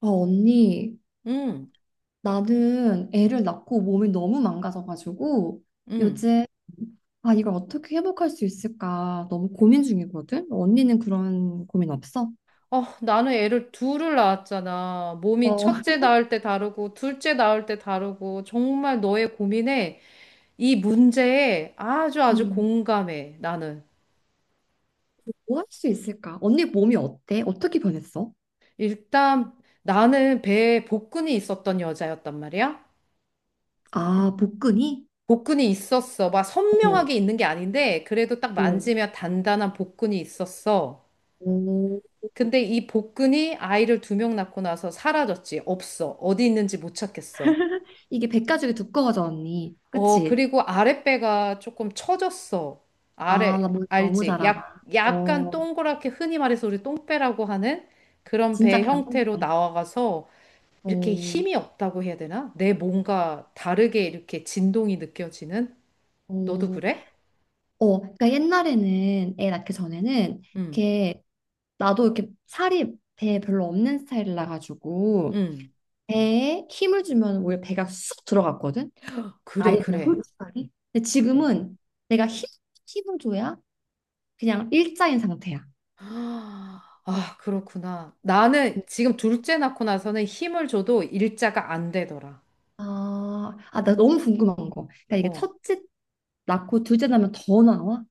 아, 언니, 응, 나는 애를 낳고 몸이 너무 망가져가지고 응. 요즘 아, 이걸 어떻게 회복할 수 있을까 너무 고민 중이거든? 언니는 그런 고민 없어? 어, 나는 애를 둘을 낳았잖아. 몸이 어, 첫째 낳을 때 다르고, 둘째 낳을 때 다르고, 정말 너의 고민에, 이 문제에 아주 아주 음. 공감해, 나는. 뭐 할 수 있을까? 언니 몸이 어때? 어떻게 변했어? 일단, 나는 배에 복근이 있었던 여자였단 말이야. 아, 복근이? 복근이 있었어. 막 오, 선명하게 있는 게 아닌데, 그래도 딱 오, 만지면 단단한 복근이 있었어. 오. 근데 이 복근이 아이를 2명 낳고 나서 사라졌지. 없어. 어디 있는지 못 찾겠어. 이게 백가죽이 두꺼워져, 언니. 어, 그치? 그리고 아랫배가 조금 처졌어. 아, 나 아래, 몸 너무 알지? 잘 약, 알아. 약간 어, 동그랗게 흔히 말해서 우리 똥배라고 하는 그런 진짜 배 그냥 형태로 똥살. 나와가서 이렇게 어, 힘이 없다고 해야 되나? 내 뭔가 다르게 이렇게 진동이 느껴지는? 너도 어. 그래? 어, 그러니까 옛날에는 애 낳기 전에는 응, 이렇게 나도 이렇게 살이 배에 별로 없는 스타일이라 가지고 응. 배에 힘을 주면 오히려 배가 쑥 들어갔거든. 아예 그래, 그냥 그래, 홀쭉하게. 근데 그래. 지금은 내가 힘 힘을 줘야 그냥 일자인 상태야. 아, 아, 그렇구나. 나는 지금 둘째 낳고 나서는 힘을 줘도 일자가 안 되더라. 아, 아, 나 너무 궁금한 거. 그러니까 이게 어. 첫째 낳고 둘째 낳으면 더 나와?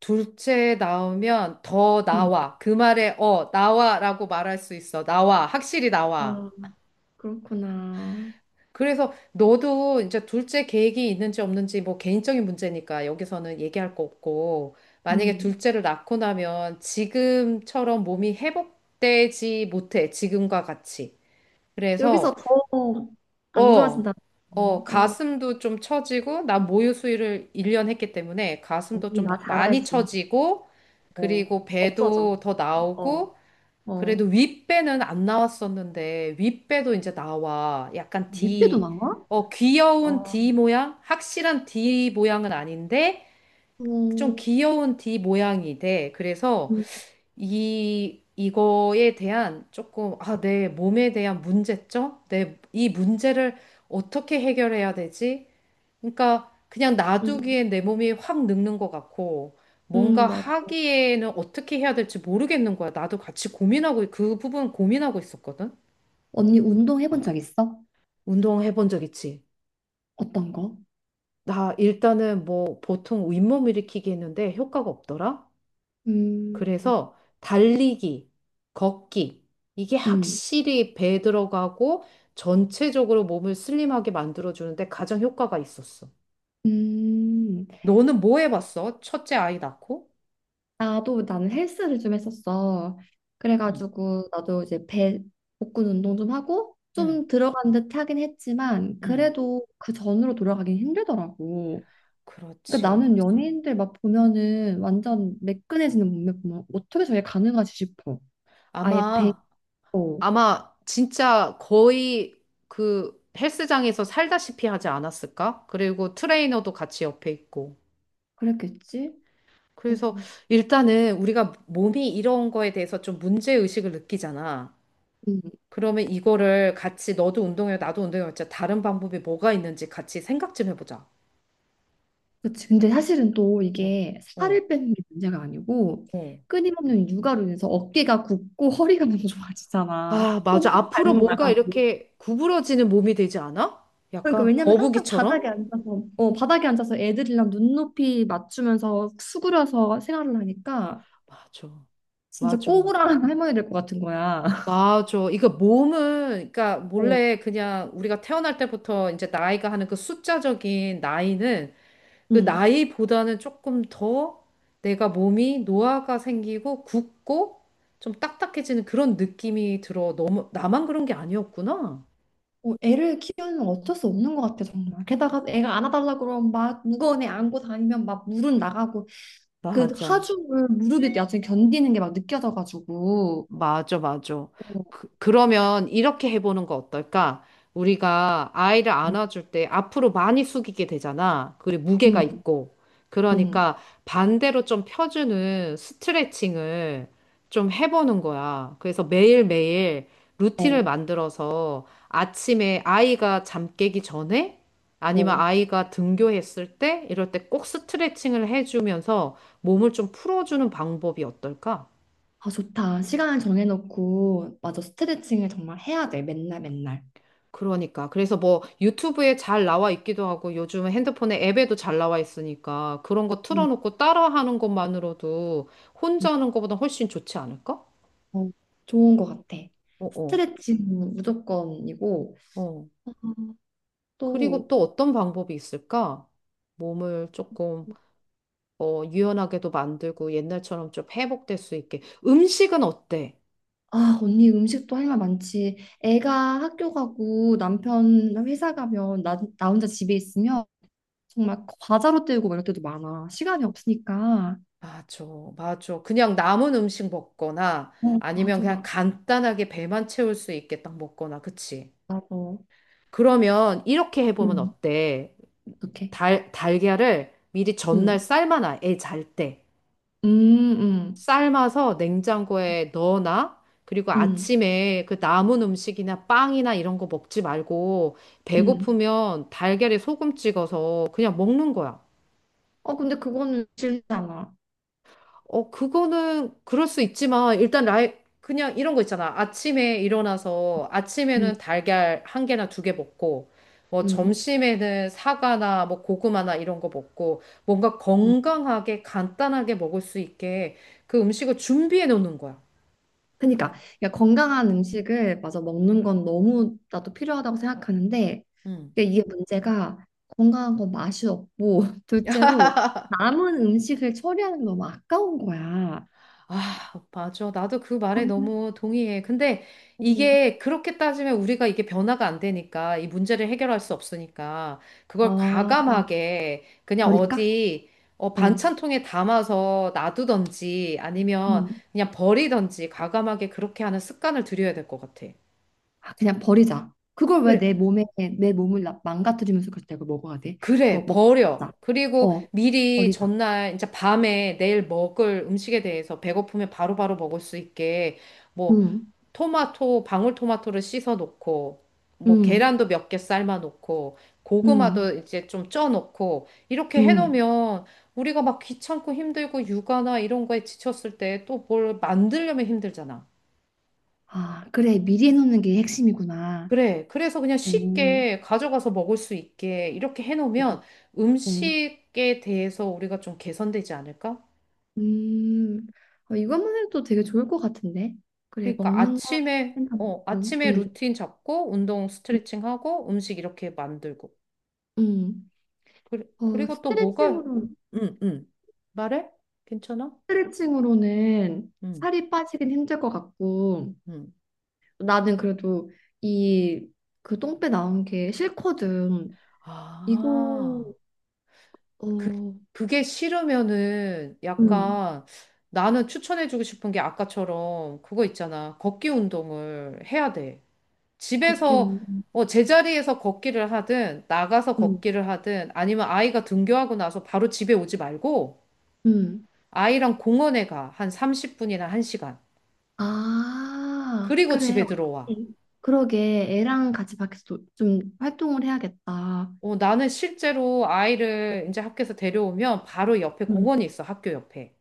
둘째 나오면 더 응. 나와. 그 말에 어, 나와라고 말할 수 있어. 나와. 확실히 나와. 아, 그렇구나. 그래서 너도 이제 둘째 계획이 있는지 없는지 뭐 개인적인 문제니까 여기서는 얘기할 거 없고 만약에 음. 둘째를 낳고 나면 지금처럼 몸이 회복되지 못해. 지금과 같이. 여기서 그래서 더 안 어, 좋아진다. 어, 어, 가슴도 좀 처지고, 나 모유 수유를 1년 했기 때문에 가슴도 언니 좀 나 잘 많이 알지. 처지고, 어, 그리고 없어져. 배도 더 어, 나오고, 그래도 어, 윗배는 안 나왔었는데, 윗배도 이제 나와. 약간 윗배도 D, 나와? 어, 귀여운 어, D 모양? 확실한 D 모양은 아닌데, 좀 음, 귀여운 D 모양이 돼. 그래서, 음, 이거에 대한 조금, 아, 내 몸에 대한 문제점? 이 문제를 어떻게 해결해야 되지? 그러니까 그냥 음, 놔두기에 내 몸이 확 늙는 것 같고, 뭔가 맞아. 하기에는 어떻게 해야 될지 모르겠는 거야. 나도 같이 고민하고, 그 부분 고민하고 있었거든? 언니 운동 해본 적 있어? 운동 해본 적 있지? 어떤 거? 나 일단은 뭐 보통 윗몸 일으키기 했는데 효과가 없더라? 음, 그래서 달리기, 걷기, 이게 음, 확실히 배에 들어가고 전체적으로 몸을 슬림하게 만들어주는데 가장 효과가 있었어. 음. 너는 뭐 해봤어? 첫째 아이 낳고? 나도 나는 헬스를 좀 했었어. 응, 그래가지고 나도 이제 배 복근 운동 좀 하고 응, 좀 들어간 듯 하긴 했지만 응, 그래도 그 전으로 돌아가긴 힘들더라고. 그러니까 그렇지. 나는 연예인들 막 보면은 음. 완전 매끈해지는 몸매 보면 어떻게 저게 가능하지 싶어. 아예 아마, 베고 아마 진짜 거의 그 헬스장에서 살다시피 하지 않았을까? 그리고 트레이너도 같이 옆에 있고. 그랬겠지? 어, 그래서 일단은 우리가 몸이 이런 거에 대해서 좀 문제의식을 느끼잖아. 음, 그러면 이거를 같이 너도 운동해, 나도 운동해. 진짜 다른 방법이 뭐가 있는지 같이 생각 좀 해보자. 그치. 근데 사실은 또 어, 이게 어, 살을 빼는 게 문제가 아니고 어. 끊임없는 육아로 인해서 어깨가 굽고 허리가 너무 좋아지잖아. 아, 맞아. 손목 앞으로 발목 뭔가 나가고. 이렇게 구부러지는 몸이 되지 않아? 그러니까 약간 왜냐면 항상 거북이처럼? 바닥에 앉아서 어 바닥에 앉아서 애들이랑 눈높이 맞추면서 수그려서 생활을 하니까 맞아. 진짜 맞아, 맞아. 꼬부랑 할머니 될 것 같은 거야. 맞아. 이거 몸은, 그러니까 어, 몰래 그냥 우리가 태어날 때부터 이제 나이가 하는 그 숫자적인 나이는 그 응. 나이보다는 조금 더 내가 몸이 노화가 생기고 굳고 좀 딱딱해지는 그런 느낌이 들어. 너무, 나만 그런 게 아니었구나. 어, 애를 키우면 어쩔 수 없는 것 같아 정말. 게다가 애가 안아달라 그러면 막 무거운 애 안고 다니면 막 물은 나가고 그 맞아. 하중을 무릎이 나중에 견디는 게 막 느껴져가지고. 맞아, 맞아. 어, 그러면 이렇게 해보는 거 어떨까? 우리가 아이를 음, 안아줄 때 앞으로 많이 숙이게 되잖아. 그리고 무게가 음, 있고. 음. 그러니까 반대로 좀 펴주는 스트레칭을 좀 해보는 거야. 그래서 매일매일 루틴을 어, 만들어서 아침에 아이가 잠 깨기 전에 아니면 어. 아이가 등교했을 때 이럴 때 꼭 스트레칭을 해주면서 몸을 좀 풀어주는 방법이 어떨까? 아 좋다. 시간을 정해놓고 맞아 스트레칭을 정말 해야 돼 맨날 맨날. 그러니까. 그래서 뭐 유튜브에 잘 나와 있기도 하고 요즘은 핸드폰에 앱에도 잘 나와 있으니까 그런 거 음, 틀어놓고 따라하는 것만으로도 음, 혼자 하는 것보다 훨씬 좋지 않을까? 어, 좋은 것 같아. 어, 어, 스트레칭 무조건이고 어. 어, 그리고 또. 또 어떤 방법이 있을까? 몸을 조금 어, 유연하게도 만들고 옛날처럼 좀 회복될 수 있게. 음식은 어때? 아, 언니 음식도 할 말 많지. 애가 학교 가고 남편 회사 가면 나 혼자 집에 있으면 정말 과자로 때우고 막 이럴 때도 많아. 시간이 없으니까. 맞아, 맞아. 그냥 남은 음식 먹거나 어, 아니면 맞아, 그냥 맞아, 간단하게 배만 채울 수 있게 딱 먹거나, 그치? 맞아. 그러면 이렇게 해보면 음, 어때? 어떡해. 달걀을 미리 전날 음, 삶아놔, 애 잘 때. 음, 음, 삶아서 냉장고에 넣어놔. 그리고 음, 아침에 그 남은 음식이나 빵이나 이런 거 먹지 말고, 음. 배고프면 달걀에 소금 찍어서 그냥 먹는 거야. 어, 근데 그거는 싫잖아. 어, 그거는 그럴 수 있지만, 일단 그냥 이런 거 있잖아. 아침에 일어나서 음, 아침에는 달걀 한 개나 2개 먹고, 뭐 음, 점심에는 사과나 뭐 고구마나 이런 거 먹고, 뭔가 음. 건강하게 간단하게 먹을 수 있게 그 음식을 준비해 놓는 거야. 그러니까, 그러니까 건강한 음식을 맞아 먹는 건 너무 나도 필요하다고 생각하는데 음. 근데 이게 문제가 건강한 건 맛이 없고 둘째로 남은 음식을 처리하는 게 너무 아까운 거야. 아, 맞아. 나도 그 말에 정말. 너무 동의해. 근데 이게 그렇게 따지면 우리가 이게 변화가 안 되니까 이 문제를 해결할 수 없으니까 어, 그걸 아, 과감하게 그냥 버릴까? 어디 어, 어, 반찬통에 담아서 놔두던지 아니면 음. 그냥 버리던지 과감하게 그렇게 하는 습관을 들여야 될 것 같아. 아, 그냥 버리자. 그걸 왜 그래, 내 몸에 내 몸을 망가뜨리면서 그때 그걸 먹어야 돼? 그거 그래, 버려. 먹자. 그리고 어, 미리 버리자. 전날 이제 밤에 내일 먹을 음식에 대해서 배고프면 바로바로 먹을 수 있게 뭐 음, 토마토, 방울토마토를 씻어 놓고, 뭐 음, 계란도 몇 개 삶아 놓고, 음, 고구마도 이제 좀 쪄 놓고, 이렇게 해 음. 놓으면 우리가 막 귀찮고 힘들고 육아나 이런 거에 지쳤을 때 또 뭘 만들려면 힘들잖아. 아, 그래 미리 해놓는 게 핵심이구나. 그래. 그래서 그냥 음, 쉽게 가져가서 먹을 수 있게 이렇게 해 음, 놓으면 음. 음식에 대해서 우리가 좀 개선되지 않을까? 음, 어, 이것만 해도 되게 좋을 것 같은데. 그래, 그러니까 먹는 거 아침에, 생각하고. 어, 아침에 음, 루틴 잡고, 운동 음, 스트레칭 하고, 음식 이렇게 만들고. 음. 그, 어, 그리고 또 뭐가 응, 응, 말해? 괜찮아? 스트레칭으로는 응, 살이 빠지긴 힘들 것 같고, 응. 나는 그래도 이, 그 똥배 나온 게 싫거든. 이거, 아, 그, 어, 그게 싫으면은 음, 약간 나는 추천해주고 싶은 게 아까처럼 그거 있잖아. 걷기 운동을 해야 돼. 걷기 집에서 운동. 어, 제자리에서 걷기를 하든 나가서 음, 걷기를 하든 아니면 아이가 등교하고 나서 바로 집에 오지 말고 음. 아이랑 공원에 가. 한 30분이나 1시간. 아, 그리고 그래. 집에 들어와. 어떡해. 그러게. 애랑 같이 밖에서 좀 활동을 해야겠다. 어, 나는 실제로 아이를 이제 학교에서 데려오면 바로 옆에 음, 공원이 있어, 학교 옆에.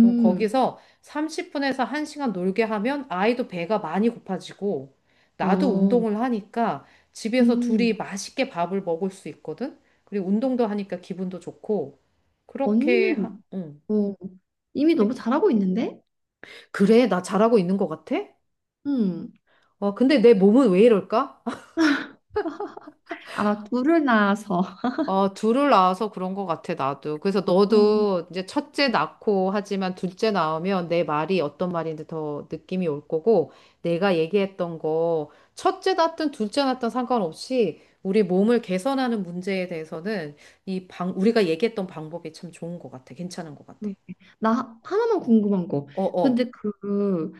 그럼 거기서 30분에서 1시간 놀게 하면 아이도 배가 많이 고파지고 나도 어, 운동을 하니까 집에서 둘이 음. 맛있게 밥을 먹을 수 있거든? 그리고 운동도 하니까 기분도 좋고 그렇게 하, 언니는 응. 어, 이미 너무 잘하고 있는데? 그래, 나 잘하고 있는 것 같아? 음, 어 근데 내 몸은 왜 이럴까? 아마 둘을 낳아서. 어, 둘을 낳아서 그런 것 같아, 나도. 그래서 어, 너도 이제 첫째 낳고 하지만 둘째 낳으면 내 말이 어떤 말인지 더 느낌이 올 거고, 내가 얘기했던 거, 첫째 낳든 둘째 낳든 상관없이 우리 몸을 개선하는 문제에 대해서는 이 방, 우리가 얘기했던 방법이 참 좋은 것 같아. 괜찮은 것 같아. 그러게. 나 하나만 궁금한 거. 어, 어. 근데 그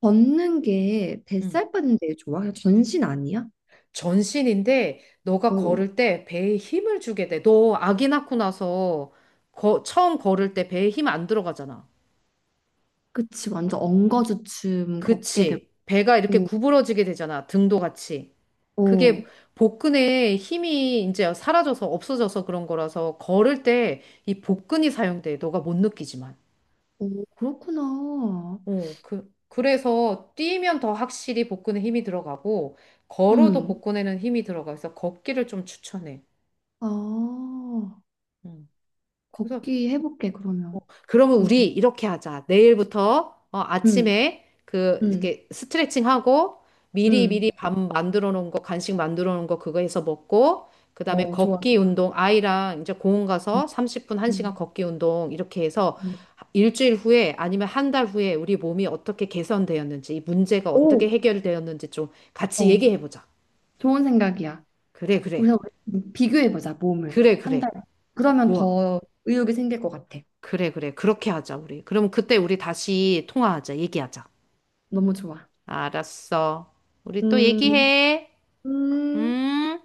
걷는 게 음. 뱃살 빠는 데 좋아? 그냥 전신 아니야? 전신인데 너가 어, 걸을 때 배에 힘을 주게 돼. 너 아기 낳고 나서 처음 걸을 때 배에 힘 안 들어가잖아. 그치. 완전 엉거주춤 걷게 되고. 그치. 배가 이렇게 구부러지게 되잖아. 등도 같이. 어, 그게 복근에 힘이 이제 사라져서 없어져서 그런 거라서 걸을 때 이 복근이 사용돼. 너가 못 느끼지만. 오, 그렇구나. 어, 그래서 뛰면 더 확실히 복근에 힘이 들어가고 걸어도 음. 복근에는 힘이 들어가서 걷기를 좀 추천해. 아, 음. 그래서 걷기 해볼게, 그러면. 그러면 음, 우리 이렇게 하자. 내일부터 어, 음, 아침에 그 음, 이렇게 스트레칭하고 미리 미리 음. 밥 만들어 놓은 거 간식 만들어 놓은 거 그거 해서 먹고 그다음에 어, 좋아, 걷기 좋아. 운동 아이랑 이제 공원 음, 가서 30분 1시간 음, 걷기 운동 이렇게 해서 음. 일주일 후에 아니면 한 달 후에 우리 몸이 어떻게 개선되었는지 이 문제가 어떻게 오, 해결되었는지 좀 같이 어, 얘기해 보자. 좋은 생각이야. 그래 그래. 우선 우리 비교해보자, 몸을. 그래 한 그래. 달. 그러면 좋아. 더 의욕이 생길 것 같아. 그래 그래. 그렇게 하자 우리. 그러면 그때 우리 다시 통화하자. 얘기하자. 너무 좋아. 알았어. 우리 또 음, 얘기해. 음. 음.